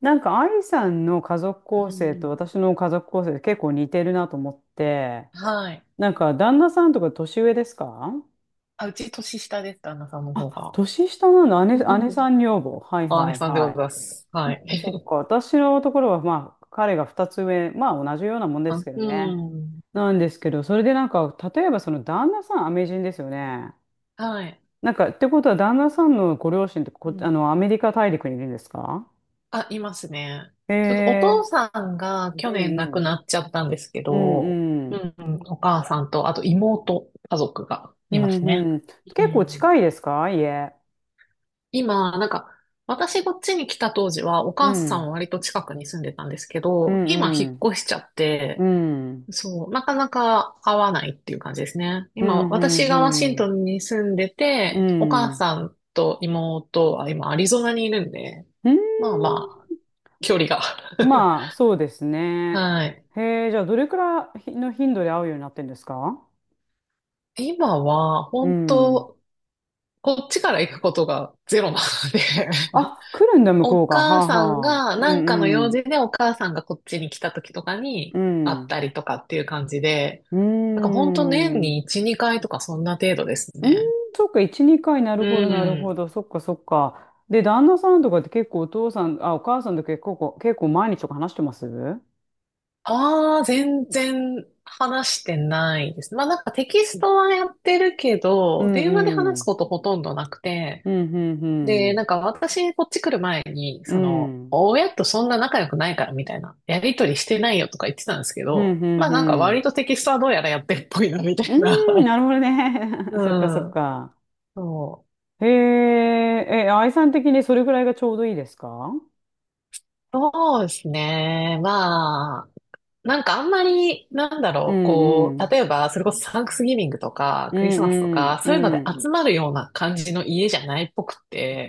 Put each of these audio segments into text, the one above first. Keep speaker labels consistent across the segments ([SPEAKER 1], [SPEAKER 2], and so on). [SPEAKER 1] アイさんの家族
[SPEAKER 2] う
[SPEAKER 1] 構成と
[SPEAKER 2] ん。
[SPEAKER 1] 私の家族構成って結構似てるなと思って、
[SPEAKER 2] はい。
[SPEAKER 1] 旦那さんとか年上ですか？
[SPEAKER 2] あ、うち年下です、旦那さんの方
[SPEAKER 1] あ、
[SPEAKER 2] が。
[SPEAKER 1] 年下なの、姉、
[SPEAKER 2] うん
[SPEAKER 1] 姉さん女房。はい
[SPEAKER 2] あ、姉
[SPEAKER 1] はい
[SPEAKER 2] さんでご
[SPEAKER 1] は
[SPEAKER 2] ざい
[SPEAKER 1] い。
[SPEAKER 2] ます。
[SPEAKER 1] そ
[SPEAKER 2] は
[SPEAKER 1] っ
[SPEAKER 2] い。
[SPEAKER 1] かそっか。私のところは、まあ、彼が二つ上、まあ、同じようなもんで
[SPEAKER 2] あ
[SPEAKER 1] すけど
[SPEAKER 2] う
[SPEAKER 1] ね。
[SPEAKER 2] ん。
[SPEAKER 1] なんですけど、それで例えばその旦那さん、アメ人ですよね。
[SPEAKER 2] はい。
[SPEAKER 1] ってことは、旦那さんのご両親って
[SPEAKER 2] うん。
[SPEAKER 1] アメリカ大陸にいるんですか？
[SPEAKER 2] あ、いますね。
[SPEAKER 1] へ
[SPEAKER 2] ちょっとお父
[SPEAKER 1] え、
[SPEAKER 2] さんが去
[SPEAKER 1] うん
[SPEAKER 2] 年亡
[SPEAKER 1] う
[SPEAKER 2] く
[SPEAKER 1] ん
[SPEAKER 2] なっちゃったんですけ
[SPEAKER 1] う
[SPEAKER 2] ど、
[SPEAKER 1] ん。う
[SPEAKER 2] う
[SPEAKER 1] ん
[SPEAKER 2] ん、うんお母さんと、あと妹、家族が
[SPEAKER 1] う
[SPEAKER 2] います
[SPEAKER 1] ん
[SPEAKER 2] ね。
[SPEAKER 1] うん。
[SPEAKER 2] う
[SPEAKER 1] 結構
[SPEAKER 2] ん。
[SPEAKER 1] 近いですか、家。
[SPEAKER 2] 今、なんか、私こっちに来た当時は、お
[SPEAKER 1] う
[SPEAKER 2] 母さんは
[SPEAKER 1] ん。
[SPEAKER 2] 割と近くに住んでたんですけ
[SPEAKER 1] う
[SPEAKER 2] ど、今引
[SPEAKER 1] んうん。
[SPEAKER 2] っ越しちゃっ
[SPEAKER 1] う
[SPEAKER 2] て、
[SPEAKER 1] ん。
[SPEAKER 2] そう、なかなか会わないっていう感じですね。
[SPEAKER 1] う
[SPEAKER 2] 今、
[SPEAKER 1] んうん
[SPEAKER 2] 私がワシ
[SPEAKER 1] う
[SPEAKER 2] ント
[SPEAKER 1] ん。
[SPEAKER 2] ンに住んで
[SPEAKER 1] う
[SPEAKER 2] て、お母
[SPEAKER 1] ん。
[SPEAKER 2] さんと妹は今アリゾナにいるんで、
[SPEAKER 1] うーん。
[SPEAKER 2] まあまあ、距離が。
[SPEAKER 1] まあ、そうですね。
[SPEAKER 2] はい。
[SPEAKER 1] へえ、じゃあ、どれくらいの頻度で会うようになってんですか？
[SPEAKER 2] 今は、
[SPEAKER 1] う
[SPEAKER 2] 本
[SPEAKER 1] ん。
[SPEAKER 2] 当こっちから行くことがゼロなので
[SPEAKER 1] あ、来るんだ、向
[SPEAKER 2] お
[SPEAKER 1] こうが。は
[SPEAKER 2] 母
[SPEAKER 1] あ
[SPEAKER 2] さん
[SPEAKER 1] はあ。
[SPEAKER 2] が、
[SPEAKER 1] う
[SPEAKER 2] なんかの
[SPEAKER 1] ん
[SPEAKER 2] 用
[SPEAKER 1] う
[SPEAKER 2] 事
[SPEAKER 1] ん。
[SPEAKER 2] でお母さんがこっちに来た時とか
[SPEAKER 1] う
[SPEAKER 2] に会った
[SPEAKER 1] ん。
[SPEAKER 2] りとかっていう感じで、
[SPEAKER 1] う
[SPEAKER 2] なんか
[SPEAKER 1] ー
[SPEAKER 2] 本当年
[SPEAKER 1] ん。
[SPEAKER 2] に1、2回とかそんな程度です
[SPEAKER 1] うーん、
[SPEAKER 2] ね。
[SPEAKER 1] そっか、1、2回、な
[SPEAKER 2] う
[SPEAKER 1] るほど、なるほ
[SPEAKER 2] ん。
[SPEAKER 1] ど、そっか、そっか。で、旦那さんとかって結構お父さん、あ、お母さんと結構、結構毎日とか話してます？う
[SPEAKER 2] ああ、全然話してないです。まあなんかテキストはやってるけ
[SPEAKER 1] ん
[SPEAKER 2] ど、電話で
[SPEAKER 1] う
[SPEAKER 2] 話す
[SPEAKER 1] ん。
[SPEAKER 2] ことほとんどなくて、
[SPEAKER 1] うん、うん、う
[SPEAKER 2] で、なん
[SPEAKER 1] ん。
[SPEAKER 2] か私こっち来る前に、
[SPEAKER 1] う
[SPEAKER 2] その、
[SPEAKER 1] ん、
[SPEAKER 2] 親とそんな仲良くないからみたいな、やりとりしてないよとか言ってたんですけ
[SPEAKER 1] う
[SPEAKER 2] ど、
[SPEAKER 1] ん、う
[SPEAKER 2] まあ
[SPEAKER 1] ん。う
[SPEAKER 2] なんか割
[SPEAKER 1] ん。
[SPEAKER 2] とテキストはどうやらやってるっぽいなみたい
[SPEAKER 1] うーん、
[SPEAKER 2] な。
[SPEAKER 1] なるほど ね。そ
[SPEAKER 2] う
[SPEAKER 1] っか、そっ
[SPEAKER 2] ん。
[SPEAKER 1] か。
[SPEAKER 2] そう。
[SPEAKER 1] へえ、え、愛さん的にそれぐらいがちょうどいいですか？
[SPEAKER 2] そうですね。まあ、なんかあんまり、なんだ
[SPEAKER 1] う
[SPEAKER 2] ろう、
[SPEAKER 1] ん、う
[SPEAKER 2] こう、
[SPEAKER 1] ん。
[SPEAKER 2] 例えば、それこそサンクスギビングとか、
[SPEAKER 1] う
[SPEAKER 2] クリスマスと
[SPEAKER 1] ん、
[SPEAKER 2] か、
[SPEAKER 1] う
[SPEAKER 2] そういうの
[SPEAKER 1] ん、
[SPEAKER 2] で
[SPEAKER 1] うん。
[SPEAKER 2] うん集まるような感じの家じゃないっぽく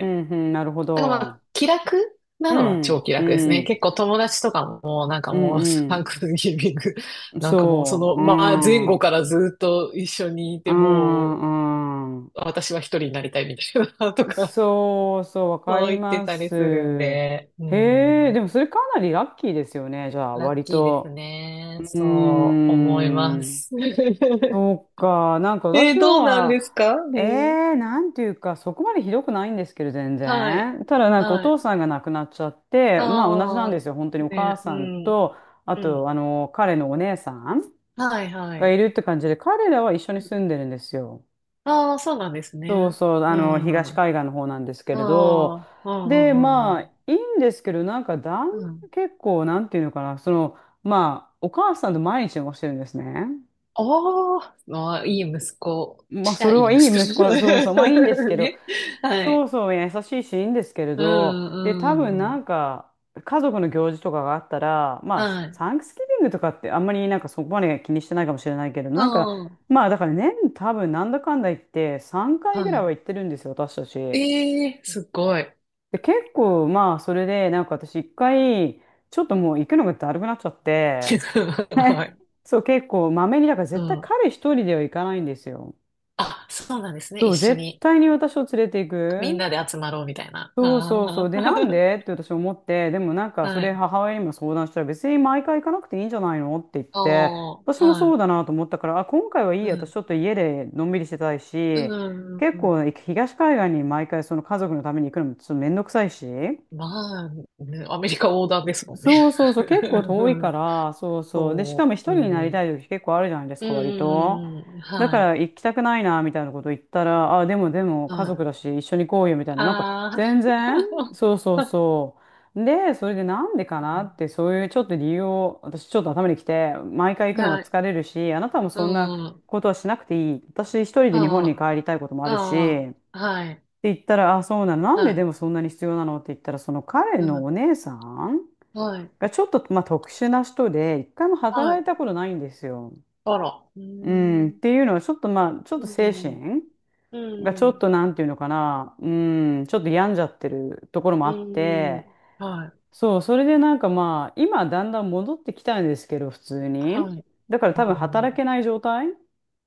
[SPEAKER 1] うん、うん、なるほ
[SPEAKER 2] なんかまあ、
[SPEAKER 1] ど。
[SPEAKER 2] 気楽な
[SPEAKER 1] う
[SPEAKER 2] のは超
[SPEAKER 1] ん、
[SPEAKER 2] 気
[SPEAKER 1] う
[SPEAKER 2] 楽ですね。
[SPEAKER 1] ん、
[SPEAKER 2] 結構友達とかも、なんか
[SPEAKER 1] う
[SPEAKER 2] もう、サ
[SPEAKER 1] ん、
[SPEAKER 2] ンクスギビング、
[SPEAKER 1] う ん。
[SPEAKER 2] なんかもう、そ
[SPEAKER 1] そう、
[SPEAKER 2] の、
[SPEAKER 1] う
[SPEAKER 2] まあ、前後
[SPEAKER 1] ん。
[SPEAKER 2] からずっと一緒にい
[SPEAKER 1] う
[SPEAKER 2] て、もう、
[SPEAKER 1] ん、うん。
[SPEAKER 2] 私は一人になりたいみたいな、とか、
[SPEAKER 1] そうそう、わ か
[SPEAKER 2] そう
[SPEAKER 1] り
[SPEAKER 2] 言って
[SPEAKER 1] ま
[SPEAKER 2] たり
[SPEAKER 1] す。
[SPEAKER 2] するん
[SPEAKER 1] へ
[SPEAKER 2] で、う
[SPEAKER 1] え、
[SPEAKER 2] ん。
[SPEAKER 1] でもそれかなりラッキーですよね、じゃあ、
[SPEAKER 2] ラッ
[SPEAKER 1] 割
[SPEAKER 2] キーです
[SPEAKER 1] と。う
[SPEAKER 2] ね。
[SPEAKER 1] ー
[SPEAKER 2] そう思いま
[SPEAKER 1] ん。
[SPEAKER 2] す。
[SPEAKER 1] そうか、
[SPEAKER 2] え
[SPEAKER 1] 私
[SPEAKER 2] ーど
[SPEAKER 1] の
[SPEAKER 2] うなんで
[SPEAKER 1] は、
[SPEAKER 2] すかう
[SPEAKER 1] え
[SPEAKER 2] ん。
[SPEAKER 1] え、なんていうか、そこまでひどくないんですけど、全
[SPEAKER 2] はい。
[SPEAKER 1] 然。ただ、なんかお
[SPEAKER 2] は
[SPEAKER 1] 父
[SPEAKER 2] い。
[SPEAKER 1] さんが亡くなっちゃって、まあ同じなんで
[SPEAKER 2] ああ、
[SPEAKER 1] すよ、本当にお母
[SPEAKER 2] ね、う
[SPEAKER 1] さん
[SPEAKER 2] ん。
[SPEAKER 1] と、あ
[SPEAKER 2] う
[SPEAKER 1] と、
[SPEAKER 2] ん。
[SPEAKER 1] 彼のお姉さん
[SPEAKER 2] はい、は
[SPEAKER 1] がい
[SPEAKER 2] い。
[SPEAKER 1] るって感じで、彼らは一緒に住んでるんですよ。
[SPEAKER 2] ああー、そうなんです
[SPEAKER 1] そう
[SPEAKER 2] ね。
[SPEAKER 1] そう、
[SPEAKER 2] うん。
[SPEAKER 1] 東
[SPEAKER 2] あ
[SPEAKER 1] 海岸の方なんですけれど、
[SPEAKER 2] あ、うん、
[SPEAKER 1] で、
[SPEAKER 2] う
[SPEAKER 1] ま
[SPEAKER 2] ん、
[SPEAKER 1] あ、
[SPEAKER 2] う
[SPEAKER 1] い
[SPEAKER 2] ん。
[SPEAKER 1] いんですけど、
[SPEAKER 2] うん。
[SPEAKER 1] 結構、なんていうのかな、その、まあ、お母さんと毎日過ごしてるんですね。
[SPEAKER 2] ああ、まあ、いい息子。
[SPEAKER 1] まあ、
[SPEAKER 2] じゃ
[SPEAKER 1] そ
[SPEAKER 2] あ、
[SPEAKER 1] れ
[SPEAKER 2] いい
[SPEAKER 1] はい
[SPEAKER 2] 息
[SPEAKER 1] い息子
[SPEAKER 2] 子。
[SPEAKER 1] な、そうそう、まあ、いいんです けど、
[SPEAKER 2] ね。は
[SPEAKER 1] そ
[SPEAKER 2] い。
[SPEAKER 1] うそう、優しいし、いいんですけれ
[SPEAKER 2] う
[SPEAKER 1] ど、
[SPEAKER 2] ん、
[SPEAKER 1] で、多分、
[SPEAKER 2] うん、うん。
[SPEAKER 1] 家族の行事とかがあったら、まあ、
[SPEAKER 2] はい。
[SPEAKER 1] サンクスギビングとかって、あんまり、そこまで気にしてないかもしれないけれど、
[SPEAKER 2] ああ、
[SPEAKER 1] まあ、だから、年、多分、なんだかんだ言って、3回
[SPEAKER 2] は
[SPEAKER 1] ぐらい
[SPEAKER 2] い。
[SPEAKER 1] は行ってるんですよ、私たち。
[SPEAKER 2] ええすごい。
[SPEAKER 1] で、結構、まあ、それで、なんか私一回、ちょっともう行くのがだるくなっちゃって、
[SPEAKER 2] はい。
[SPEAKER 1] そう、結構、まめに、だから
[SPEAKER 2] う
[SPEAKER 1] 絶対
[SPEAKER 2] ん。
[SPEAKER 1] 彼一人では行かないんですよ。
[SPEAKER 2] あ、そうなんですね。
[SPEAKER 1] そ
[SPEAKER 2] 一
[SPEAKER 1] う、
[SPEAKER 2] 緒
[SPEAKER 1] 絶
[SPEAKER 2] に。
[SPEAKER 1] 対に私を連れて行
[SPEAKER 2] みん
[SPEAKER 1] く。
[SPEAKER 2] なで集まろうみたいな。
[SPEAKER 1] そうそうそ
[SPEAKER 2] あ
[SPEAKER 1] う。で、なん
[SPEAKER 2] ー
[SPEAKER 1] でって私思って、でもなん か、そ
[SPEAKER 2] は
[SPEAKER 1] れ
[SPEAKER 2] い。
[SPEAKER 1] 母親にも相談したら、別に毎回行かなくていいんじゃないのって言っ
[SPEAKER 2] あ
[SPEAKER 1] て、
[SPEAKER 2] ー
[SPEAKER 1] 私も
[SPEAKER 2] は
[SPEAKER 1] そう
[SPEAKER 2] い。
[SPEAKER 1] だなと思ったから、あ、今回はいい
[SPEAKER 2] う
[SPEAKER 1] や、私
[SPEAKER 2] ん。
[SPEAKER 1] ちょっと家でのんびりしてたい
[SPEAKER 2] う
[SPEAKER 1] し、
[SPEAKER 2] ん。うん
[SPEAKER 1] 結
[SPEAKER 2] う
[SPEAKER 1] 構、
[SPEAKER 2] ん
[SPEAKER 1] 東海岸に毎回その家族のために行くのもちょっとめんどくさいし、
[SPEAKER 2] まあ、ねアメリカ横断ですもんね。
[SPEAKER 1] そうそうそう、結構 遠
[SPEAKER 2] う
[SPEAKER 1] いか
[SPEAKER 2] ん
[SPEAKER 1] ら、そうそう。で、しか
[SPEAKER 2] そ
[SPEAKER 1] も一
[SPEAKER 2] う。
[SPEAKER 1] 人
[SPEAKER 2] う
[SPEAKER 1] になり
[SPEAKER 2] ん。うん。
[SPEAKER 1] たい時結構あるじゃないです
[SPEAKER 2] う
[SPEAKER 1] か、割と。
[SPEAKER 2] んうん
[SPEAKER 1] だか
[SPEAKER 2] はい。
[SPEAKER 1] ら行きたくないな、みたいなこと言ったら、あ、でもでも
[SPEAKER 2] うん。
[SPEAKER 1] 家族
[SPEAKER 2] あ
[SPEAKER 1] だし一緒に行こうよ、みたいな。
[SPEAKER 2] あ。
[SPEAKER 1] 全然、そうそうそう。で、それでなんでかなって、そういうちょっと理由を、私ちょっと頭にきて、毎回行くのは
[SPEAKER 2] はい。
[SPEAKER 1] 疲れるし、あなたも
[SPEAKER 2] う
[SPEAKER 1] そんな
[SPEAKER 2] ん。
[SPEAKER 1] ことはしなくていい。私一人で日本に
[SPEAKER 2] あ
[SPEAKER 1] 帰りたいこともあ
[SPEAKER 2] あ。
[SPEAKER 1] る
[SPEAKER 2] あ
[SPEAKER 1] し、
[SPEAKER 2] あ。はい。
[SPEAKER 1] って言ったら、あ、そうなの。なん
[SPEAKER 2] は
[SPEAKER 1] ででもそんなに必要なのって言ったら、その彼
[SPEAKER 2] い。う
[SPEAKER 1] の
[SPEAKER 2] ん。
[SPEAKER 1] お姉さん
[SPEAKER 2] はい。
[SPEAKER 1] がちょっと、まあ、特殊な人で、一回も
[SPEAKER 2] は
[SPEAKER 1] 働
[SPEAKER 2] い。
[SPEAKER 1] いたことないんですよ。
[SPEAKER 2] あら。う
[SPEAKER 1] うん、っ
[SPEAKER 2] ん。
[SPEAKER 1] ていうのは、ちょっとまあ、ちょっと
[SPEAKER 2] う
[SPEAKER 1] 精
[SPEAKER 2] ん。
[SPEAKER 1] 神
[SPEAKER 2] う
[SPEAKER 1] がちょっ
[SPEAKER 2] ん。
[SPEAKER 1] となんていうのかな、うん、ちょっと病んじゃってるところもあ
[SPEAKER 2] う
[SPEAKER 1] って、
[SPEAKER 2] ん。はい。
[SPEAKER 1] そう、それで今だんだん戻ってきたんですけど、普通に。
[SPEAKER 2] はい。
[SPEAKER 1] だから
[SPEAKER 2] う
[SPEAKER 1] 多分
[SPEAKER 2] ん。
[SPEAKER 1] 働
[SPEAKER 2] う
[SPEAKER 1] けない状態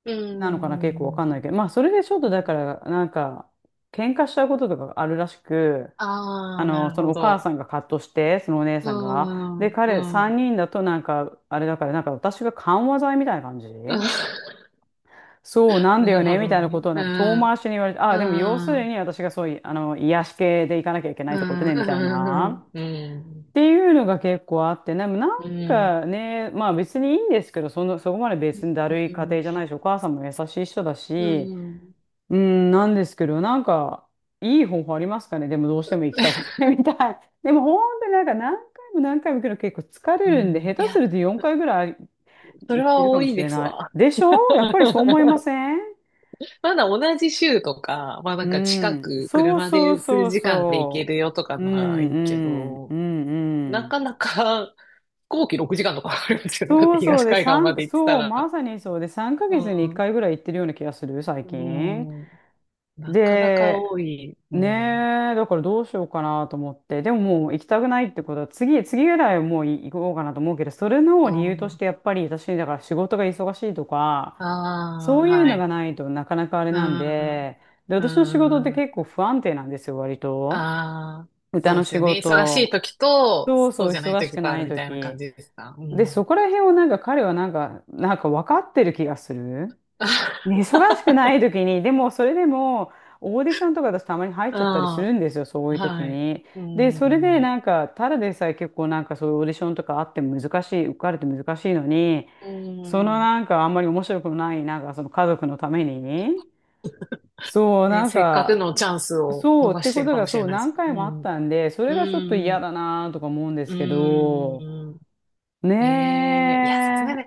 [SPEAKER 2] ー
[SPEAKER 1] なのかな、結構わかんない
[SPEAKER 2] ん。
[SPEAKER 1] けど、まあ、それでちょっ
[SPEAKER 2] う
[SPEAKER 1] とだか
[SPEAKER 2] ん
[SPEAKER 1] ら、喧嘩しちゃうこととかがあるらしく、
[SPEAKER 2] ああ、なる
[SPEAKER 1] その
[SPEAKER 2] ほ
[SPEAKER 1] お母さ
[SPEAKER 2] ど。
[SPEAKER 1] んがカットして、そのお姉
[SPEAKER 2] うー
[SPEAKER 1] さんが。で、
[SPEAKER 2] ん。う
[SPEAKER 1] 彼
[SPEAKER 2] ん。う
[SPEAKER 1] 3
[SPEAKER 2] ん
[SPEAKER 1] 人だとあれだから、なんか私が緩和剤みたいな感じ、 そうなんだ
[SPEAKER 2] なる
[SPEAKER 1] よね、
[SPEAKER 2] ほ
[SPEAKER 1] み
[SPEAKER 2] ど
[SPEAKER 1] たいな
[SPEAKER 2] ね。
[SPEAKER 1] ことをな
[SPEAKER 2] う
[SPEAKER 1] んか遠回
[SPEAKER 2] ん。
[SPEAKER 1] しに言われて、ああ、でも要す
[SPEAKER 2] う
[SPEAKER 1] る
[SPEAKER 2] ん。
[SPEAKER 1] に私がそういう、癒し系で行かなきゃいけないっ
[SPEAKER 2] う
[SPEAKER 1] てこと
[SPEAKER 2] ん。
[SPEAKER 1] ね、みたい
[SPEAKER 2] う
[SPEAKER 1] な。
[SPEAKER 2] ん。う
[SPEAKER 1] っ
[SPEAKER 2] ん。
[SPEAKER 1] ていうのが結構あって、でも
[SPEAKER 2] うん。
[SPEAKER 1] まあ別にいいんですけど、その、そこまで別にだるい家庭じゃないし、お母さんも優しい人だ
[SPEAKER 2] う
[SPEAKER 1] し、
[SPEAKER 2] ん。
[SPEAKER 1] うん、なんですけど、いい方法ありますかね？ でもどうしても行きたくないみたい。でも本当になんか何回も何回も行くの結構疲れ
[SPEAKER 2] う
[SPEAKER 1] るんで、
[SPEAKER 2] ん
[SPEAKER 1] 下
[SPEAKER 2] い
[SPEAKER 1] 手す
[SPEAKER 2] や、
[SPEAKER 1] ると4回ぐらい
[SPEAKER 2] それ
[SPEAKER 1] 行って
[SPEAKER 2] は
[SPEAKER 1] るか
[SPEAKER 2] 多
[SPEAKER 1] も
[SPEAKER 2] い
[SPEAKER 1] しれ
[SPEAKER 2] です
[SPEAKER 1] ない。
[SPEAKER 2] わ。
[SPEAKER 1] でしょ？やっぱりそう思いません？
[SPEAKER 2] まだ同じ州とか、まあな
[SPEAKER 1] う
[SPEAKER 2] んか近
[SPEAKER 1] ん。
[SPEAKER 2] く
[SPEAKER 1] そう
[SPEAKER 2] 車
[SPEAKER 1] そう
[SPEAKER 2] で
[SPEAKER 1] そ
[SPEAKER 2] 数
[SPEAKER 1] う
[SPEAKER 2] 時間で行け
[SPEAKER 1] そ
[SPEAKER 2] るよとか
[SPEAKER 1] う。う
[SPEAKER 2] な
[SPEAKER 1] ん
[SPEAKER 2] い
[SPEAKER 1] う
[SPEAKER 2] け
[SPEAKER 1] んう
[SPEAKER 2] ど、
[SPEAKER 1] んう
[SPEAKER 2] な
[SPEAKER 1] ん。
[SPEAKER 2] かなか飛行機6時間とか かかるんですよね。だっ
[SPEAKER 1] そ
[SPEAKER 2] て
[SPEAKER 1] うそう
[SPEAKER 2] 東
[SPEAKER 1] で、
[SPEAKER 2] 海岸ま
[SPEAKER 1] 三
[SPEAKER 2] で行ってた
[SPEAKER 1] そう、ま
[SPEAKER 2] ら。
[SPEAKER 1] さにそうで、3
[SPEAKER 2] う
[SPEAKER 1] ヶ月に1
[SPEAKER 2] ん。
[SPEAKER 1] 回ぐらい行ってるような気がする、最
[SPEAKER 2] う
[SPEAKER 1] 近。
[SPEAKER 2] ん。なかなか
[SPEAKER 1] で、
[SPEAKER 2] 多い。うん。う
[SPEAKER 1] ねえ、だからどうしようかなと思って。でももう行きたくないってことは、次、次ぐらいはもう行こうかなと思うけど、それの理由として
[SPEAKER 2] ん
[SPEAKER 1] やっぱり私、だから仕事が忙しいとか、
[SPEAKER 2] あ
[SPEAKER 1] そうい
[SPEAKER 2] あ、
[SPEAKER 1] う
[SPEAKER 2] は
[SPEAKER 1] の
[SPEAKER 2] い。
[SPEAKER 1] がないとなかなかあれ
[SPEAKER 2] う
[SPEAKER 1] なん
[SPEAKER 2] ん。
[SPEAKER 1] で、で、
[SPEAKER 2] う
[SPEAKER 1] 私の仕事って
[SPEAKER 2] ん。
[SPEAKER 1] 結構不安定なんですよ、割と。
[SPEAKER 2] ああ、そ
[SPEAKER 1] 歌
[SPEAKER 2] う
[SPEAKER 1] の
[SPEAKER 2] です
[SPEAKER 1] 仕
[SPEAKER 2] よね。忙しい
[SPEAKER 1] 事。
[SPEAKER 2] 時と、
[SPEAKER 1] そう
[SPEAKER 2] そ
[SPEAKER 1] そ
[SPEAKER 2] う
[SPEAKER 1] う、
[SPEAKER 2] じゃない
[SPEAKER 1] 忙し
[SPEAKER 2] 時
[SPEAKER 1] く
[SPEAKER 2] とあ
[SPEAKER 1] な
[SPEAKER 2] る
[SPEAKER 1] い
[SPEAKER 2] みたいな感
[SPEAKER 1] 時。
[SPEAKER 2] じですか。う
[SPEAKER 1] で、
[SPEAKER 2] ん。
[SPEAKER 1] そこら辺をなんか彼はなんか、なんか分かってる気がする。ね、 忙しくない時に、でもそれでもオーディションとかだとたまに入っちゃったりす
[SPEAKER 2] あ
[SPEAKER 1] るんですよ、そうい
[SPEAKER 2] あ、
[SPEAKER 1] う時
[SPEAKER 2] はい。
[SPEAKER 1] に。
[SPEAKER 2] う
[SPEAKER 1] で、それで
[SPEAKER 2] ん。
[SPEAKER 1] ただでさえ結構なんかそういうオーディションとかあっても難しい、受かれて難しいのに、
[SPEAKER 2] う
[SPEAKER 1] その
[SPEAKER 2] ん。
[SPEAKER 1] なんかあんまり面白くない、なんかその家族のために、そう、
[SPEAKER 2] で、せっかくのチャンスを
[SPEAKER 1] そうっ
[SPEAKER 2] 逃
[SPEAKER 1] て
[SPEAKER 2] して
[SPEAKER 1] こ
[SPEAKER 2] る
[SPEAKER 1] と
[SPEAKER 2] か
[SPEAKER 1] が
[SPEAKER 2] もし
[SPEAKER 1] そ
[SPEAKER 2] れ
[SPEAKER 1] う
[SPEAKER 2] ないで
[SPEAKER 1] 何
[SPEAKER 2] す。
[SPEAKER 1] 回
[SPEAKER 2] う
[SPEAKER 1] もあっ
[SPEAKER 2] ん。
[SPEAKER 1] たんで、それ
[SPEAKER 2] う
[SPEAKER 1] がちょっと嫌
[SPEAKER 2] ん。
[SPEAKER 1] だなとか思うんで
[SPEAKER 2] う
[SPEAKER 1] すけど、
[SPEAKER 2] ーん。え
[SPEAKER 1] ね
[SPEAKER 2] えいや、さすがに、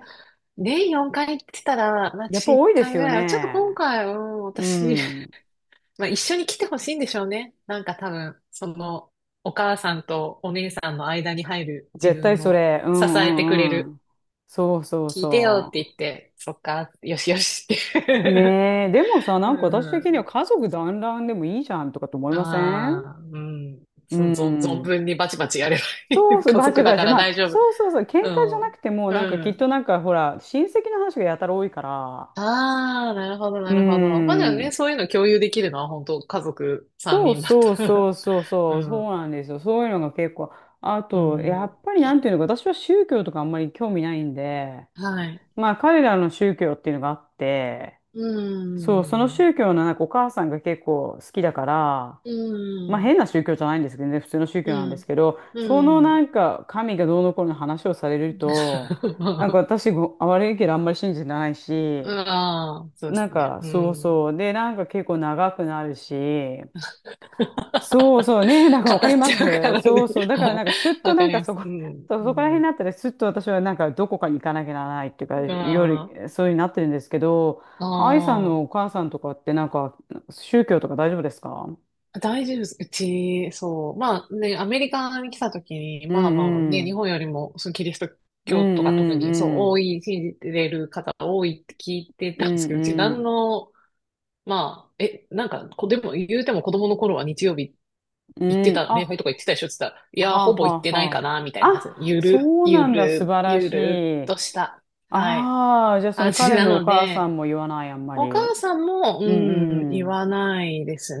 [SPEAKER 2] 年4回って言ったら、まあ、
[SPEAKER 1] え、やっぱ
[SPEAKER 2] 私1
[SPEAKER 1] 多いです
[SPEAKER 2] 回ぐ
[SPEAKER 1] よ
[SPEAKER 2] らいは、ちょっと今
[SPEAKER 1] ね。
[SPEAKER 2] 回、うん、
[SPEAKER 1] う
[SPEAKER 2] 私、
[SPEAKER 1] ん。
[SPEAKER 2] まあ、一緒に来てほしいんでしょうね。なんか多分、その、お母さんとお姉さんの間に入る自
[SPEAKER 1] 絶対
[SPEAKER 2] 分
[SPEAKER 1] そ
[SPEAKER 2] を
[SPEAKER 1] れ。う
[SPEAKER 2] 支え
[SPEAKER 1] ん
[SPEAKER 2] てくれ
[SPEAKER 1] うんう
[SPEAKER 2] る。
[SPEAKER 1] ん。そうそう
[SPEAKER 2] 聞いてよって
[SPEAKER 1] そ
[SPEAKER 2] 言って、そっか、よしよしっ
[SPEAKER 1] う。
[SPEAKER 2] て。
[SPEAKER 1] ねえ、でもさ、なんか私
[SPEAKER 2] う
[SPEAKER 1] 的には
[SPEAKER 2] ん。
[SPEAKER 1] 家族団らんでもいいじゃんとかと思いません？
[SPEAKER 2] まあ、うん。
[SPEAKER 1] う
[SPEAKER 2] その、ぞ存
[SPEAKER 1] ん。
[SPEAKER 2] 分にバチバチやればい
[SPEAKER 1] そう
[SPEAKER 2] い。
[SPEAKER 1] そう、
[SPEAKER 2] 家
[SPEAKER 1] バチ
[SPEAKER 2] 族だ
[SPEAKER 1] バ
[SPEAKER 2] か
[SPEAKER 1] チ。
[SPEAKER 2] ら
[SPEAKER 1] ま
[SPEAKER 2] 大
[SPEAKER 1] あ、
[SPEAKER 2] 丈夫。
[SPEAKER 1] そうそうそう、喧嘩じゃなくても、
[SPEAKER 2] うん。
[SPEAKER 1] なんか
[SPEAKER 2] う
[SPEAKER 1] きっ
[SPEAKER 2] ん。
[SPEAKER 1] となんかほら、親戚の話がやたら多いから。
[SPEAKER 2] ああ、なるほど、
[SPEAKER 1] うー
[SPEAKER 2] なるほど。まあじゃあね、
[SPEAKER 1] ん。
[SPEAKER 2] そういうの共有できるのは本当家族3
[SPEAKER 1] そう
[SPEAKER 2] 人だっ
[SPEAKER 1] そう
[SPEAKER 2] たら
[SPEAKER 1] そうそう
[SPEAKER 2] う
[SPEAKER 1] そう、そ
[SPEAKER 2] ん。
[SPEAKER 1] うなんですよ。そういうのが結構。あ
[SPEAKER 2] う
[SPEAKER 1] と、や
[SPEAKER 2] ん。
[SPEAKER 1] っぱりなんていうのか、私は宗教とかあんまり興味ないんで、
[SPEAKER 2] はい。
[SPEAKER 1] まあ彼らの宗教っていうのがあって、
[SPEAKER 2] う
[SPEAKER 1] そう、その
[SPEAKER 2] ん。
[SPEAKER 1] 宗教のなんかお母さんが結構好きだから、
[SPEAKER 2] う
[SPEAKER 1] まあ
[SPEAKER 2] ん。
[SPEAKER 1] 変な宗教じゃないんですけどね、普通の宗教
[SPEAKER 2] う
[SPEAKER 1] なんです
[SPEAKER 2] ん。
[SPEAKER 1] けど、そ
[SPEAKER 2] う
[SPEAKER 1] のな
[SPEAKER 2] ん。
[SPEAKER 1] んか神がどうのこうの話をされると、なんか 私ご、悪いけどあんまり信じてないし、
[SPEAKER 2] ああ、そうで
[SPEAKER 1] なん
[SPEAKER 2] すね。
[SPEAKER 1] か
[SPEAKER 2] う
[SPEAKER 1] そう
[SPEAKER 2] ん。
[SPEAKER 1] そう、で、なんか結構長くなるし、そうそうね、なんか
[SPEAKER 2] 語
[SPEAKER 1] わかり
[SPEAKER 2] っ
[SPEAKER 1] ま
[SPEAKER 2] ちゃうか
[SPEAKER 1] す。
[SPEAKER 2] ら
[SPEAKER 1] そ
[SPEAKER 2] ね。
[SPEAKER 1] うそう。だからな
[SPEAKER 2] は
[SPEAKER 1] ん
[SPEAKER 2] い
[SPEAKER 1] かすっと
[SPEAKER 2] わ
[SPEAKER 1] な
[SPEAKER 2] か
[SPEAKER 1] ん
[SPEAKER 2] り
[SPEAKER 1] か
[SPEAKER 2] ま
[SPEAKER 1] そ
[SPEAKER 2] す。
[SPEAKER 1] こ、
[SPEAKER 2] うん。
[SPEAKER 1] そう
[SPEAKER 2] う
[SPEAKER 1] そこら辺に
[SPEAKER 2] ん。
[SPEAKER 1] なったらすっと私はなんかどこかに行かなきゃならないっていうか、
[SPEAKER 2] あ
[SPEAKER 1] 夜、そうになってるんですけど、
[SPEAKER 2] あ。
[SPEAKER 1] 愛さん
[SPEAKER 2] あ
[SPEAKER 1] の
[SPEAKER 2] あ。
[SPEAKER 1] お母さんとかってなんか宗教とか大丈夫ですか？
[SPEAKER 2] 大丈夫です。うち、そう。まあね、アメリカに来た時に、
[SPEAKER 1] う
[SPEAKER 2] まあまあ
[SPEAKER 1] んう
[SPEAKER 2] ね、日
[SPEAKER 1] ん。
[SPEAKER 2] 本よりも、そのキリスト
[SPEAKER 1] うん
[SPEAKER 2] 教とか特
[SPEAKER 1] うん
[SPEAKER 2] に、そう、
[SPEAKER 1] うん。
[SPEAKER 2] 多い、信じてる方多いって聞いて
[SPEAKER 1] う
[SPEAKER 2] たんですけど、うち何
[SPEAKER 1] ん
[SPEAKER 2] の、まあ、え、なんか、でも、言うても子供の頃は日曜日
[SPEAKER 1] う
[SPEAKER 2] 行っ
[SPEAKER 1] ん。
[SPEAKER 2] て
[SPEAKER 1] うん。
[SPEAKER 2] た
[SPEAKER 1] あ、
[SPEAKER 2] ね、礼拝とか行ってたでしょって言ったら、いや
[SPEAKER 1] は
[SPEAKER 2] ー、
[SPEAKER 1] あ
[SPEAKER 2] ほぼ
[SPEAKER 1] は
[SPEAKER 2] 行っ
[SPEAKER 1] あ
[SPEAKER 2] てないか
[SPEAKER 1] は
[SPEAKER 2] な、みたい
[SPEAKER 1] あ。
[SPEAKER 2] な感じで、
[SPEAKER 1] あ、
[SPEAKER 2] ゆる、
[SPEAKER 1] そう
[SPEAKER 2] ゆ
[SPEAKER 1] なんだ。素
[SPEAKER 2] る、
[SPEAKER 1] 晴ら
[SPEAKER 2] ゆ
[SPEAKER 1] し
[SPEAKER 2] るっと
[SPEAKER 1] い。
[SPEAKER 2] した、はい、
[SPEAKER 1] ああ、じゃあその
[SPEAKER 2] 感じ
[SPEAKER 1] 彼
[SPEAKER 2] な
[SPEAKER 1] のお
[SPEAKER 2] の
[SPEAKER 1] 母さん
[SPEAKER 2] で、
[SPEAKER 1] も言わない、あんま
[SPEAKER 2] お母
[SPEAKER 1] り。
[SPEAKER 2] さんも、う
[SPEAKER 1] う
[SPEAKER 2] ん、
[SPEAKER 1] んう
[SPEAKER 2] 言
[SPEAKER 1] ん。
[SPEAKER 2] わないです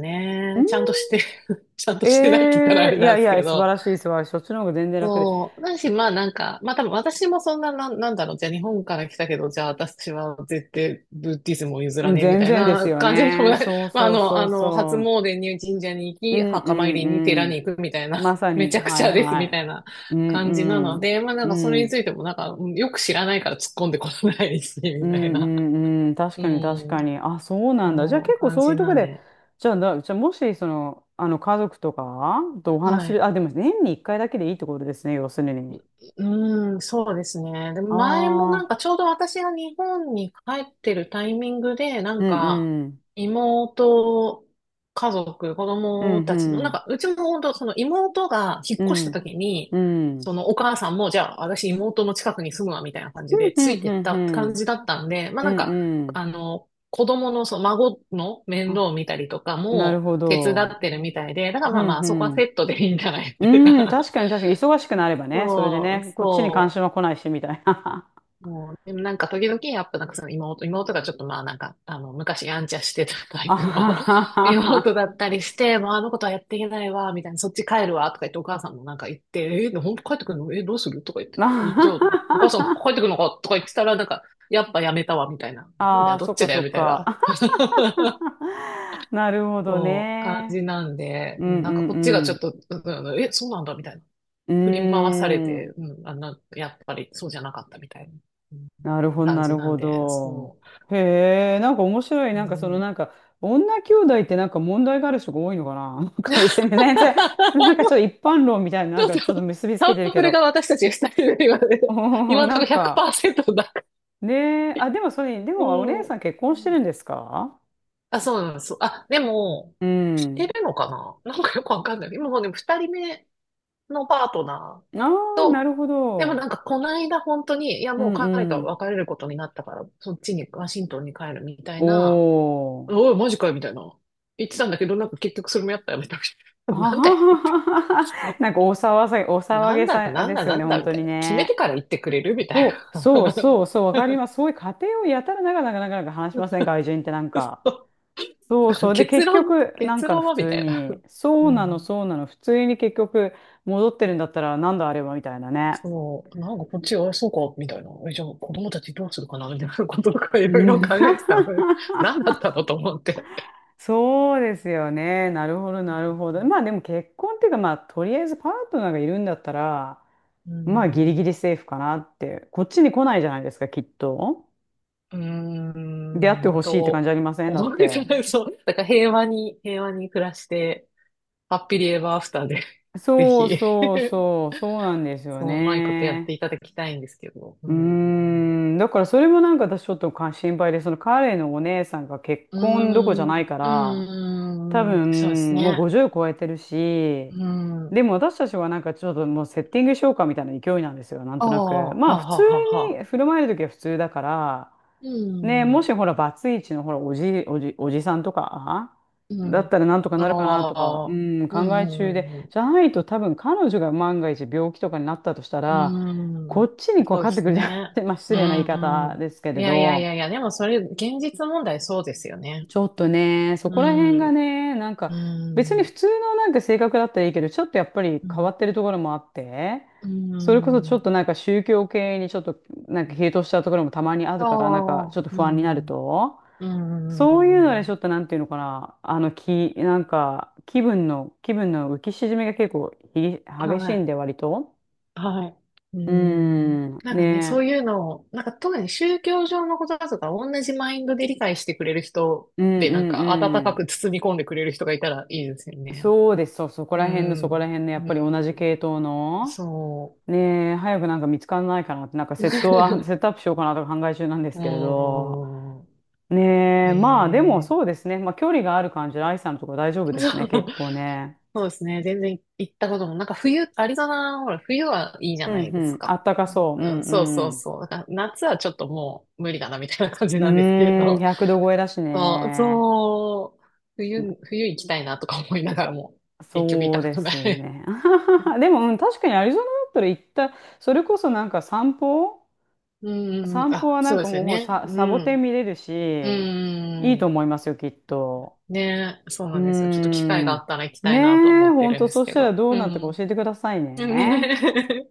[SPEAKER 1] う
[SPEAKER 2] ね。ちゃん
[SPEAKER 1] ん
[SPEAKER 2] として、ちゃんとしてないって言ったらあ
[SPEAKER 1] え
[SPEAKER 2] れ
[SPEAKER 1] えい
[SPEAKER 2] な
[SPEAKER 1] や
[SPEAKER 2] ん
[SPEAKER 1] い
[SPEAKER 2] です
[SPEAKER 1] や、
[SPEAKER 2] け
[SPEAKER 1] 素晴
[SPEAKER 2] ど。
[SPEAKER 1] らしい、素晴らしい。そっちの方が全然楽で。
[SPEAKER 2] そう。だし、まあなんか、まあ多分私もそんな、なんだろう、じゃあ日本から来たけど、じゃあ私は絶対ブッディズムを譲
[SPEAKER 1] う
[SPEAKER 2] ら
[SPEAKER 1] ん、
[SPEAKER 2] ねえみ
[SPEAKER 1] 全
[SPEAKER 2] たい
[SPEAKER 1] 然です
[SPEAKER 2] な
[SPEAKER 1] よ
[SPEAKER 2] 感じでも
[SPEAKER 1] ね。
[SPEAKER 2] ない。
[SPEAKER 1] そう
[SPEAKER 2] まああ
[SPEAKER 1] そう
[SPEAKER 2] の、
[SPEAKER 1] そ
[SPEAKER 2] あ
[SPEAKER 1] う
[SPEAKER 2] の、初
[SPEAKER 1] そ
[SPEAKER 2] 詣に神社に行
[SPEAKER 1] う。う
[SPEAKER 2] き、
[SPEAKER 1] んう
[SPEAKER 2] 墓参りに寺
[SPEAKER 1] んうん。
[SPEAKER 2] に行くみたいな、
[SPEAKER 1] まさ
[SPEAKER 2] め
[SPEAKER 1] に、
[SPEAKER 2] ちゃく
[SPEAKER 1] は
[SPEAKER 2] ち
[SPEAKER 1] い
[SPEAKER 2] ゃです
[SPEAKER 1] は
[SPEAKER 2] みた
[SPEAKER 1] い。
[SPEAKER 2] いな
[SPEAKER 1] うん
[SPEAKER 2] 感じなので、まあな
[SPEAKER 1] うん。う
[SPEAKER 2] んかそれに
[SPEAKER 1] ん。
[SPEAKER 2] ついてもなんか、うんよく知らないから突っ込んでこないし、
[SPEAKER 1] う
[SPEAKER 2] み
[SPEAKER 1] ん
[SPEAKER 2] たいな。
[SPEAKER 1] うんうん。確
[SPEAKER 2] う
[SPEAKER 1] かに確
[SPEAKER 2] ん。
[SPEAKER 1] かに。あ、そうなんだ。じゃあ
[SPEAKER 2] そう、
[SPEAKER 1] 結構
[SPEAKER 2] 感
[SPEAKER 1] そういう
[SPEAKER 2] じ
[SPEAKER 1] とこ
[SPEAKER 2] なん
[SPEAKER 1] で、
[SPEAKER 2] で。
[SPEAKER 1] じゃあもし、その、あの、家族とかとお話し
[SPEAKER 2] は
[SPEAKER 1] す
[SPEAKER 2] い。
[SPEAKER 1] る、あ、でも年に1回だけでいいってことですね、要するに。
[SPEAKER 2] うーん、そうですね。で、
[SPEAKER 1] あ
[SPEAKER 2] 前もなん
[SPEAKER 1] あ、
[SPEAKER 2] かちょうど私が日本に帰ってるタイミングで、な
[SPEAKER 1] う
[SPEAKER 2] ん
[SPEAKER 1] ん
[SPEAKER 2] か
[SPEAKER 1] うん。
[SPEAKER 2] 妹、家族、子
[SPEAKER 1] うん
[SPEAKER 2] 供
[SPEAKER 1] う
[SPEAKER 2] たちの、なん
[SPEAKER 1] ん。
[SPEAKER 2] かうちも本当その妹が引っ
[SPEAKER 1] う
[SPEAKER 2] 越した
[SPEAKER 1] ん
[SPEAKER 2] 時に、
[SPEAKER 1] うん。うん
[SPEAKER 2] そのお母さんも、じゃあ私妹の近くに住むわみたいな感
[SPEAKER 1] う
[SPEAKER 2] じ
[SPEAKER 1] ん
[SPEAKER 2] でつ
[SPEAKER 1] う
[SPEAKER 2] い
[SPEAKER 1] ん
[SPEAKER 2] てっ
[SPEAKER 1] う
[SPEAKER 2] た感
[SPEAKER 1] ん。
[SPEAKER 2] じだったんで、まあ
[SPEAKER 1] う
[SPEAKER 2] なん
[SPEAKER 1] ん
[SPEAKER 2] か、
[SPEAKER 1] うん。
[SPEAKER 2] あの、子供のその孫の面倒
[SPEAKER 1] あ、
[SPEAKER 2] を見たりとか
[SPEAKER 1] なる
[SPEAKER 2] も
[SPEAKER 1] ほ
[SPEAKER 2] 手伝
[SPEAKER 1] ど。
[SPEAKER 2] ってるみたいで、だから
[SPEAKER 1] う
[SPEAKER 2] まあ
[SPEAKER 1] ん
[SPEAKER 2] まあそこはセットでいいんじゃない
[SPEAKER 1] う
[SPEAKER 2] です
[SPEAKER 1] ん。うん、
[SPEAKER 2] か。
[SPEAKER 1] 確 かに確かに、忙しくなればね、それで
[SPEAKER 2] そう、
[SPEAKER 1] ね、こっちに関
[SPEAKER 2] そ
[SPEAKER 1] 心
[SPEAKER 2] う。
[SPEAKER 1] は来ないし、みたいな。
[SPEAKER 2] もう、でもなんか時々やっぱなんかその妹がちょっとまあなんか、あの、昔やんちゃしてたタイ
[SPEAKER 1] あ
[SPEAKER 2] プ
[SPEAKER 1] は
[SPEAKER 2] の
[SPEAKER 1] は
[SPEAKER 2] 妹だ
[SPEAKER 1] は
[SPEAKER 2] ったりして、もうあのことはやっていけないわ、みたいな、そっち帰るわ、とか言ってお母さんもなんか言って、えー、ほんと帰ってくるのえどうするとか言って、
[SPEAKER 1] は。
[SPEAKER 2] じゃあ、お母さん帰ってくるのかとか言ってたら、なんか、やっぱやめたわ、みたいな。なんだ
[SPEAKER 1] あ
[SPEAKER 2] よ、
[SPEAKER 1] あ、
[SPEAKER 2] ど
[SPEAKER 1] そ
[SPEAKER 2] っ
[SPEAKER 1] っ
[SPEAKER 2] ち
[SPEAKER 1] か
[SPEAKER 2] だ
[SPEAKER 1] そ
[SPEAKER 2] よ、
[SPEAKER 1] っ
[SPEAKER 2] みたい
[SPEAKER 1] か。
[SPEAKER 2] な。
[SPEAKER 1] なるほど
[SPEAKER 2] そう、感じ
[SPEAKER 1] ね。
[SPEAKER 2] なんで、
[SPEAKER 1] うん
[SPEAKER 2] なんかこっちがち
[SPEAKER 1] う
[SPEAKER 2] ょっ
[SPEAKER 1] ん
[SPEAKER 2] と、うんうんえ、そうなんだ、みたいな。
[SPEAKER 1] う
[SPEAKER 2] 振り回され
[SPEAKER 1] ん。うー
[SPEAKER 2] て、
[SPEAKER 1] ん。
[SPEAKER 2] うん、あの、やっぱりそうじゃなかったみたいな、うん
[SPEAKER 1] なるほど、
[SPEAKER 2] 感
[SPEAKER 1] な
[SPEAKER 2] じ
[SPEAKER 1] る
[SPEAKER 2] なん
[SPEAKER 1] ほ
[SPEAKER 2] で、
[SPEAKER 1] ど。
[SPEAKER 2] そ
[SPEAKER 1] へえ、なんか面白い。
[SPEAKER 2] う。う
[SPEAKER 1] なんかその
[SPEAKER 2] ん、
[SPEAKER 1] なんか、女兄弟ってなんか問題がある人が多いのかな？ なんか別に全然、なんかちょっと一般論みたいな、な
[SPEAKER 2] ち
[SPEAKER 1] ん
[SPEAKER 2] ょっ
[SPEAKER 1] か
[SPEAKER 2] と、
[SPEAKER 1] ちょっと結びつ
[SPEAKER 2] サ
[SPEAKER 1] けてる
[SPEAKER 2] ンプ
[SPEAKER 1] け
[SPEAKER 2] ル
[SPEAKER 1] ど。
[SPEAKER 2] が私たち二人で今ね、
[SPEAKER 1] お
[SPEAKER 2] 今
[SPEAKER 1] ー
[SPEAKER 2] のと
[SPEAKER 1] な
[SPEAKER 2] ころ
[SPEAKER 1] んか、
[SPEAKER 2] 100%だから。
[SPEAKER 1] ねえ、あ、でもそれ、で
[SPEAKER 2] う
[SPEAKER 1] もお姉
[SPEAKER 2] ん。う
[SPEAKER 1] さん結婚して
[SPEAKER 2] ん
[SPEAKER 1] るんですか？
[SPEAKER 2] あ、そうなんです。あ、でも、
[SPEAKER 1] う
[SPEAKER 2] 知って
[SPEAKER 1] ん。
[SPEAKER 2] るのかななんかよくわかんない。今もうね、二人目のパートナ
[SPEAKER 1] あ
[SPEAKER 2] ー
[SPEAKER 1] あ、なる
[SPEAKER 2] と、
[SPEAKER 1] ほ
[SPEAKER 2] でも
[SPEAKER 1] ど。
[SPEAKER 2] なんかこの間本当に、いや
[SPEAKER 1] う
[SPEAKER 2] もう
[SPEAKER 1] ん
[SPEAKER 2] 彼
[SPEAKER 1] う
[SPEAKER 2] と
[SPEAKER 1] ん。
[SPEAKER 2] 別れることになったから、そっちに、ワシントンに帰るみたいな
[SPEAKER 1] おー。
[SPEAKER 2] おい、マジかよ、みたいな。言ってたんだけど、なんか結局それもやったよ、みたい
[SPEAKER 1] あ
[SPEAKER 2] な。
[SPEAKER 1] は
[SPEAKER 2] なんだよ、
[SPEAKER 1] は
[SPEAKER 2] って。
[SPEAKER 1] は はは。
[SPEAKER 2] そ
[SPEAKER 1] なんかお騒がせ、お
[SPEAKER 2] う
[SPEAKER 1] 騒
[SPEAKER 2] な
[SPEAKER 1] げ
[SPEAKER 2] んだ、
[SPEAKER 1] さ
[SPEAKER 2] なん
[SPEAKER 1] で
[SPEAKER 2] だ、
[SPEAKER 1] すよ
[SPEAKER 2] な
[SPEAKER 1] ね、
[SPEAKER 2] んだ、
[SPEAKER 1] 本
[SPEAKER 2] み
[SPEAKER 1] 当
[SPEAKER 2] たい
[SPEAKER 1] に
[SPEAKER 2] な。決め
[SPEAKER 1] ね。
[SPEAKER 2] てから言ってくれるみたい
[SPEAKER 1] そう、そう
[SPEAKER 2] な。
[SPEAKER 1] そう、そう、わかります。そういう家庭をやたらなかなか話しません、外人ってなんか。そうそう。で、
[SPEAKER 2] 結
[SPEAKER 1] 結
[SPEAKER 2] 論、
[SPEAKER 1] 局、なん
[SPEAKER 2] 結
[SPEAKER 1] かの
[SPEAKER 2] 論
[SPEAKER 1] 普
[SPEAKER 2] は、み
[SPEAKER 1] 通
[SPEAKER 2] たいな。
[SPEAKER 1] に、そ
[SPEAKER 2] う
[SPEAKER 1] うなの、
[SPEAKER 2] ん。
[SPEAKER 1] そうなの、普通に結局、戻ってるんだったら、なんだあれは、みたいなね。
[SPEAKER 2] そう。なんかこっちが、あそうか、みたいな。え、じゃあ子供たちどうするかな、みたいな こととかい
[SPEAKER 1] う
[SPEAKER 2] ろい
[SPEAKER 1] ん
[SPEAKER 2] ろ 考えてたの。何だったのと思って。
[SPEAKER 1] そうですよね。なるほど、なるほど。まあでも結婚っていうか、まあとりあえずパートナーがいるんだったら、
[SPEAKER 2] う
[SPEAKER 1] まあギリギ
[SPEAKER 2] ん。
[SPEAKER 1] リセーフかなって。こっちに来ないじゃないですか、きっと。
[SPEAKER 2] う
[SPEAKER 1] 出会って
[SPEAKER 2] ーん
[SPEAKER 1] ほしいって感じ
[SPEAKER 2] と、
[SPEAKER 1] ありませんだ
[SPEAKER 2] 思
[SPEAKER 1] っ
[SPEAKER 2] うんです
[SPEAKER 1] て。
[SPEAKER 2] よね。そう。だから平和に、平和に暮らして、ハッピリエバーアフターで ぜ
[SPEAKER 1] そう
[SPEAKER 2] ひ
[SPEAKER 1] そうそう、そうなんです よ
[SPEAKER 2] そう、うまいことやって
[SPEAKER 1] ね。
[SPEAKER 2] いただきたいんですけど。う
[SPEAKER 1] うー
[SPEAKER 2] ん。
[SPEAKER 1] ん、だからそれもなんか私ちょっとか心配で、その彼のお姉さんが結
[SPEAKER 2] う
[SPEAKER 1] 婚どころじゃ
[SPEAKER 2] ん。
[SPEAKER 1] ないか
[SPEAKER 2] うー
[SPEAKER 1] ら、多
[SPEAKER 2] ん。うーんそうです
[SPEAKER 1] 分もう
[SPEAKER 2] ね。
[SPEAKER 1] 50超えてるし、
[SPEAKER 2] うん。あ
[SPEAKER 1] でも私たちはなんかちょっともうセッティングしようかみたいな勢いなんですよ、なん
[SPEAKER 2] あ、
[SPEAKER 1] となく。
[SPEAKER 2] は
[SPEAKER 1] ま
[SPEAKER 2] あ、
[SPEAKER 1] あ普
[SPEAKER 2] は
[SPEAKER 1] 通
[SPEAKER 2] あ、はあ、は
[SPEAKER 1] に
[SPEAKER 2] あ。
[SPEAKER 1] 振る舞える時は普通だから、
[SPEAKER 2] う
[SPEAKER 1] ね、も
[SPEAKER 2] ん。
[SPEAKER 1] しほら、バツイチのほら、おじさんとか、
[SPEAKER 2] う
[SPEAKER 1] だ
[SPEAKER 2] ん。
[SPEAKER 1] っ
[SPEAKER 2] あ
[SPEAKER 1] たらなんとかなるかなとか、う
[SPEAKER 2] あ。
[SPEAKER 1] ん、
[SPEAKER 2] う
[SPEAKER 1] 考
[SPEAKER 2] ん、
[SPEAKER 1] え
[SPEAKER 2] う
[SPEAKER 1] 中で、
[SPEAKER 2] ん、う
[SPEAKER 1] じ
[SPEAKER 2] ん、
[SPEAKER 1] ゃないと多分彼女が万が一病気とかになったとした
[SPEAKER 2] う
[SPEAKER 1] ら、
[SPEAKER 2] ん。う
[SPEAKER 1] こ
[SPEAKER 2] ん。
[SPEAKER 1] っちにこう
[SPEAKER 2] そう
[SPEAKER 1] かか
[SPEAKER 2] で
[SPEAKER 1] ってく
[SPEAKER 2] す
[SPEAKER 1] るじゃ
[SPEAKER 2] ね。
[SPEAKER 1] ん、まあ、失
[SPEAKER 2] う
[SPEAKER 1] 礼な言い方
[SPEAKER 2] ん。
[SPEAKER 1] ですけ
[SPEAKER 2] い
[SPEAKER 1] れ
[SPEAKER 2] やいやい
[SPEAKER 1] ど、
[SPEAKER 2] やいや、でもそれ、現実問題そうですよね。
[SPEAKER 1] ちょっとね、そ
[SPEAKER 2] う
[SPEAKER 1] こら辺が
[SPEAKER 2] ん。
[SPEAKER 1] ね、なんか
[SPEAKER 2] う
[SPEAKER 1] 別に普
[SPEAKER 2] ん。
[SPEAKER 1] 通のなんか性格だったらいいけど、ちょっとやっぱり
[SPEAKER 2] う
[SPEAKER 1] 変
[SPEAKER 2] ん。
[SPEAKER 1] わってるところもあって、
[SPEAKER 2] う
[SPEAKER 1] それこそちょっ
[SPEAKER 2] ん。
[SPEAKER 1] となんか宗教系にちょっとなんか傾倒したところもたまにあ
[SPEAKER 2] あ
[SPEAKER 1] るから、なんかち
[SPEAKER 2] あ、
[SPEAKER 1] ょっと不
[SPEAKER 2] う
[SPEAKER 1] 安になる
[SPEAKER 2] ん、
[SPEAKER 1] と、
[SPEAKER 2] うん、
[SPEAKER 1] そういう
[SPEAKER 2] う
[SPEAKER 1] のでちょ
[SPEAKER 2] ん、
[SPEAKER 1] っとなんていうのかな、あの気、なんか気分の、気分の浮き沈みが結構ひ
[SPEAKER 2] は
[SPEAKER 1] 激しいん
[SPEAKER 2] い、
[SPEAKER 1] で割と。
[SPEAKER 2] はい、う
[SPEAKER 1] うー
[SPEAKER 2] ん。
[SPEAKER 1] ん、
[SPEAKER 2] なんかね、そう
[SPEAKER 1] ね
[SPEAKER 2] いうのを、なんか特に宗教上のことだとか、同じマインドで理解してくれる人
[SPEAKER 1] えうん
[SPEAKER 2] で、
[SPEAKER 1] う
[SPEAKER 2] なんか温
[SPEAKER 1] んう
[SPEAKER 2] か
[SPEAKER 1] ん。
[SPEAKER 2] く包み込んでくれる人がいたらいいですよね。
[SPEAKER 1] そうです、そう、そこ
[SPEAKER 2] う
[SPEAKER 1] ら辺のそこら
[SPEAKER 2] ん、
[SPEAKER 1] 辺のやっ
[SPEAKER 2] うん、
[SPEAKER 1] ぱり同じ系統の。
[SPEAKER 2] そ
[SPEAKER 1] ねえ、早くなんか見つからないかなって、なんか
[SPEAKER 2] う。
[SPEAKER 1] セット、あ、セ ットアップしようかなとか考え中なんですけれど。
[SPEAKER 2] う
[SPEAKER 1] ね
[SPEAKER 2] ん。
[SPEAKER 1] え、まあでも
[SPEAKER 2] え
[SPEAKER 1] そうで
[SPEAKER 2] え
[SPEAKER 1] すね。まあ距離がある感じで、愛さんのとこ大丈夫
[SPEAKER 2] そ
[SPEAKER 1] ですね、
[SPEAKER 2] う。
[SPEAKER 1] 結構ね。
[SPEAKER 2] そうですね。全然行ったことも、なんか冬、アリゾナ、ほら、冬はいいじゃ
[SPEAKER 1] うん
[SPEAKER 2] ない
[SPEAKER 1] う
[SPEAKER 2] です
[SPEAKER 1] ん、あ
[SPEAKER 2] か。
[SPEAKER 1] ったか
[SPEAKER 2] うん
[SPEAKER 1] そう。う
[SPEAKER 2] そうそう
[SPEAKER 1] ん
[SPEAKER 2] そう。だから夏はちょっともう無理だなみたいな感じ
[SPEAKER 1] う
[SPEAKER 2] なんですけ
[SPEAKER 1] ん。うーん、
[SPEAKER 2] ど、
[SPEAKER 1] 100度超えだし
[SPEAKER 2] そう、
[SPEAKER 1] ね。
[SPEAKER 2] そう、冬行きたいなとか思いながらも、結局行
[SPEAKER 1] そ
[SPEAKER 2] った
[SPEAKER 1] う
[SPEAKER 2] こ
[SPEAKER 1] で
[SPEAKER 2] とな
[SPEAKER 1] す
[SPEAKER 2] い。
[SPEAKER 1] ね。でも、うん、確かにアリゾナだったら行った、それこそなんか散歩
[SPEAKER 2] うん、
[SPEAKER 1] 散歩
[SPEAKER 2] あ、
[SPEAKER 1] はな
[SPEAKER 2] そう
[SPEAKER 1] ん
[SPEAKER 2] で
[SPEAKER 1] か
[SPEAKER 2] すよ
[SPEAKER 1] もう
[SPEAKER 2] ね。
[SPEAKER 1] さ、
[SPEAKER 2] う
[SPEAKER 1] サボテン
[SPEAKER 2] ん、
[SPEAKER 1] 見れるし、
[SPEAKER 2] う
[SPEAKER 1] いいと
[SPEAKER 2] ん、
[SPEAKER 1] 思いますよ、きっと。
[SPEAKER 2] ね、そう
[SPEAKER 1] うー
[SPEAKER 2] なんですよ。ちょっと機会があっ
[SPEAKER 1] ん。
[SPEAKER 2] たら行きた
[SPEAKER 1] ね
[SPEAKER 2] いなとは
[SPEAKER 1] え、
[SPEAKER 2] 思って
[SPEAKER 1] ほん
[SPEAKER 2] るん
[SPEAKER 1] と、
[SPEAKER 2] です
[SPEAKER 1] そし
[SPEAKER 2] け
[SPEAKER 1] たら
[SPEAKER 2] ど。
[SPEAKER 1] どう
[SPEAKER 2] う
[SPEAKER 1] なったか
[SPEAKER 2] ん、
[SPEAKER 1] 教えてくださいね。
[SPEAKER 2] ね。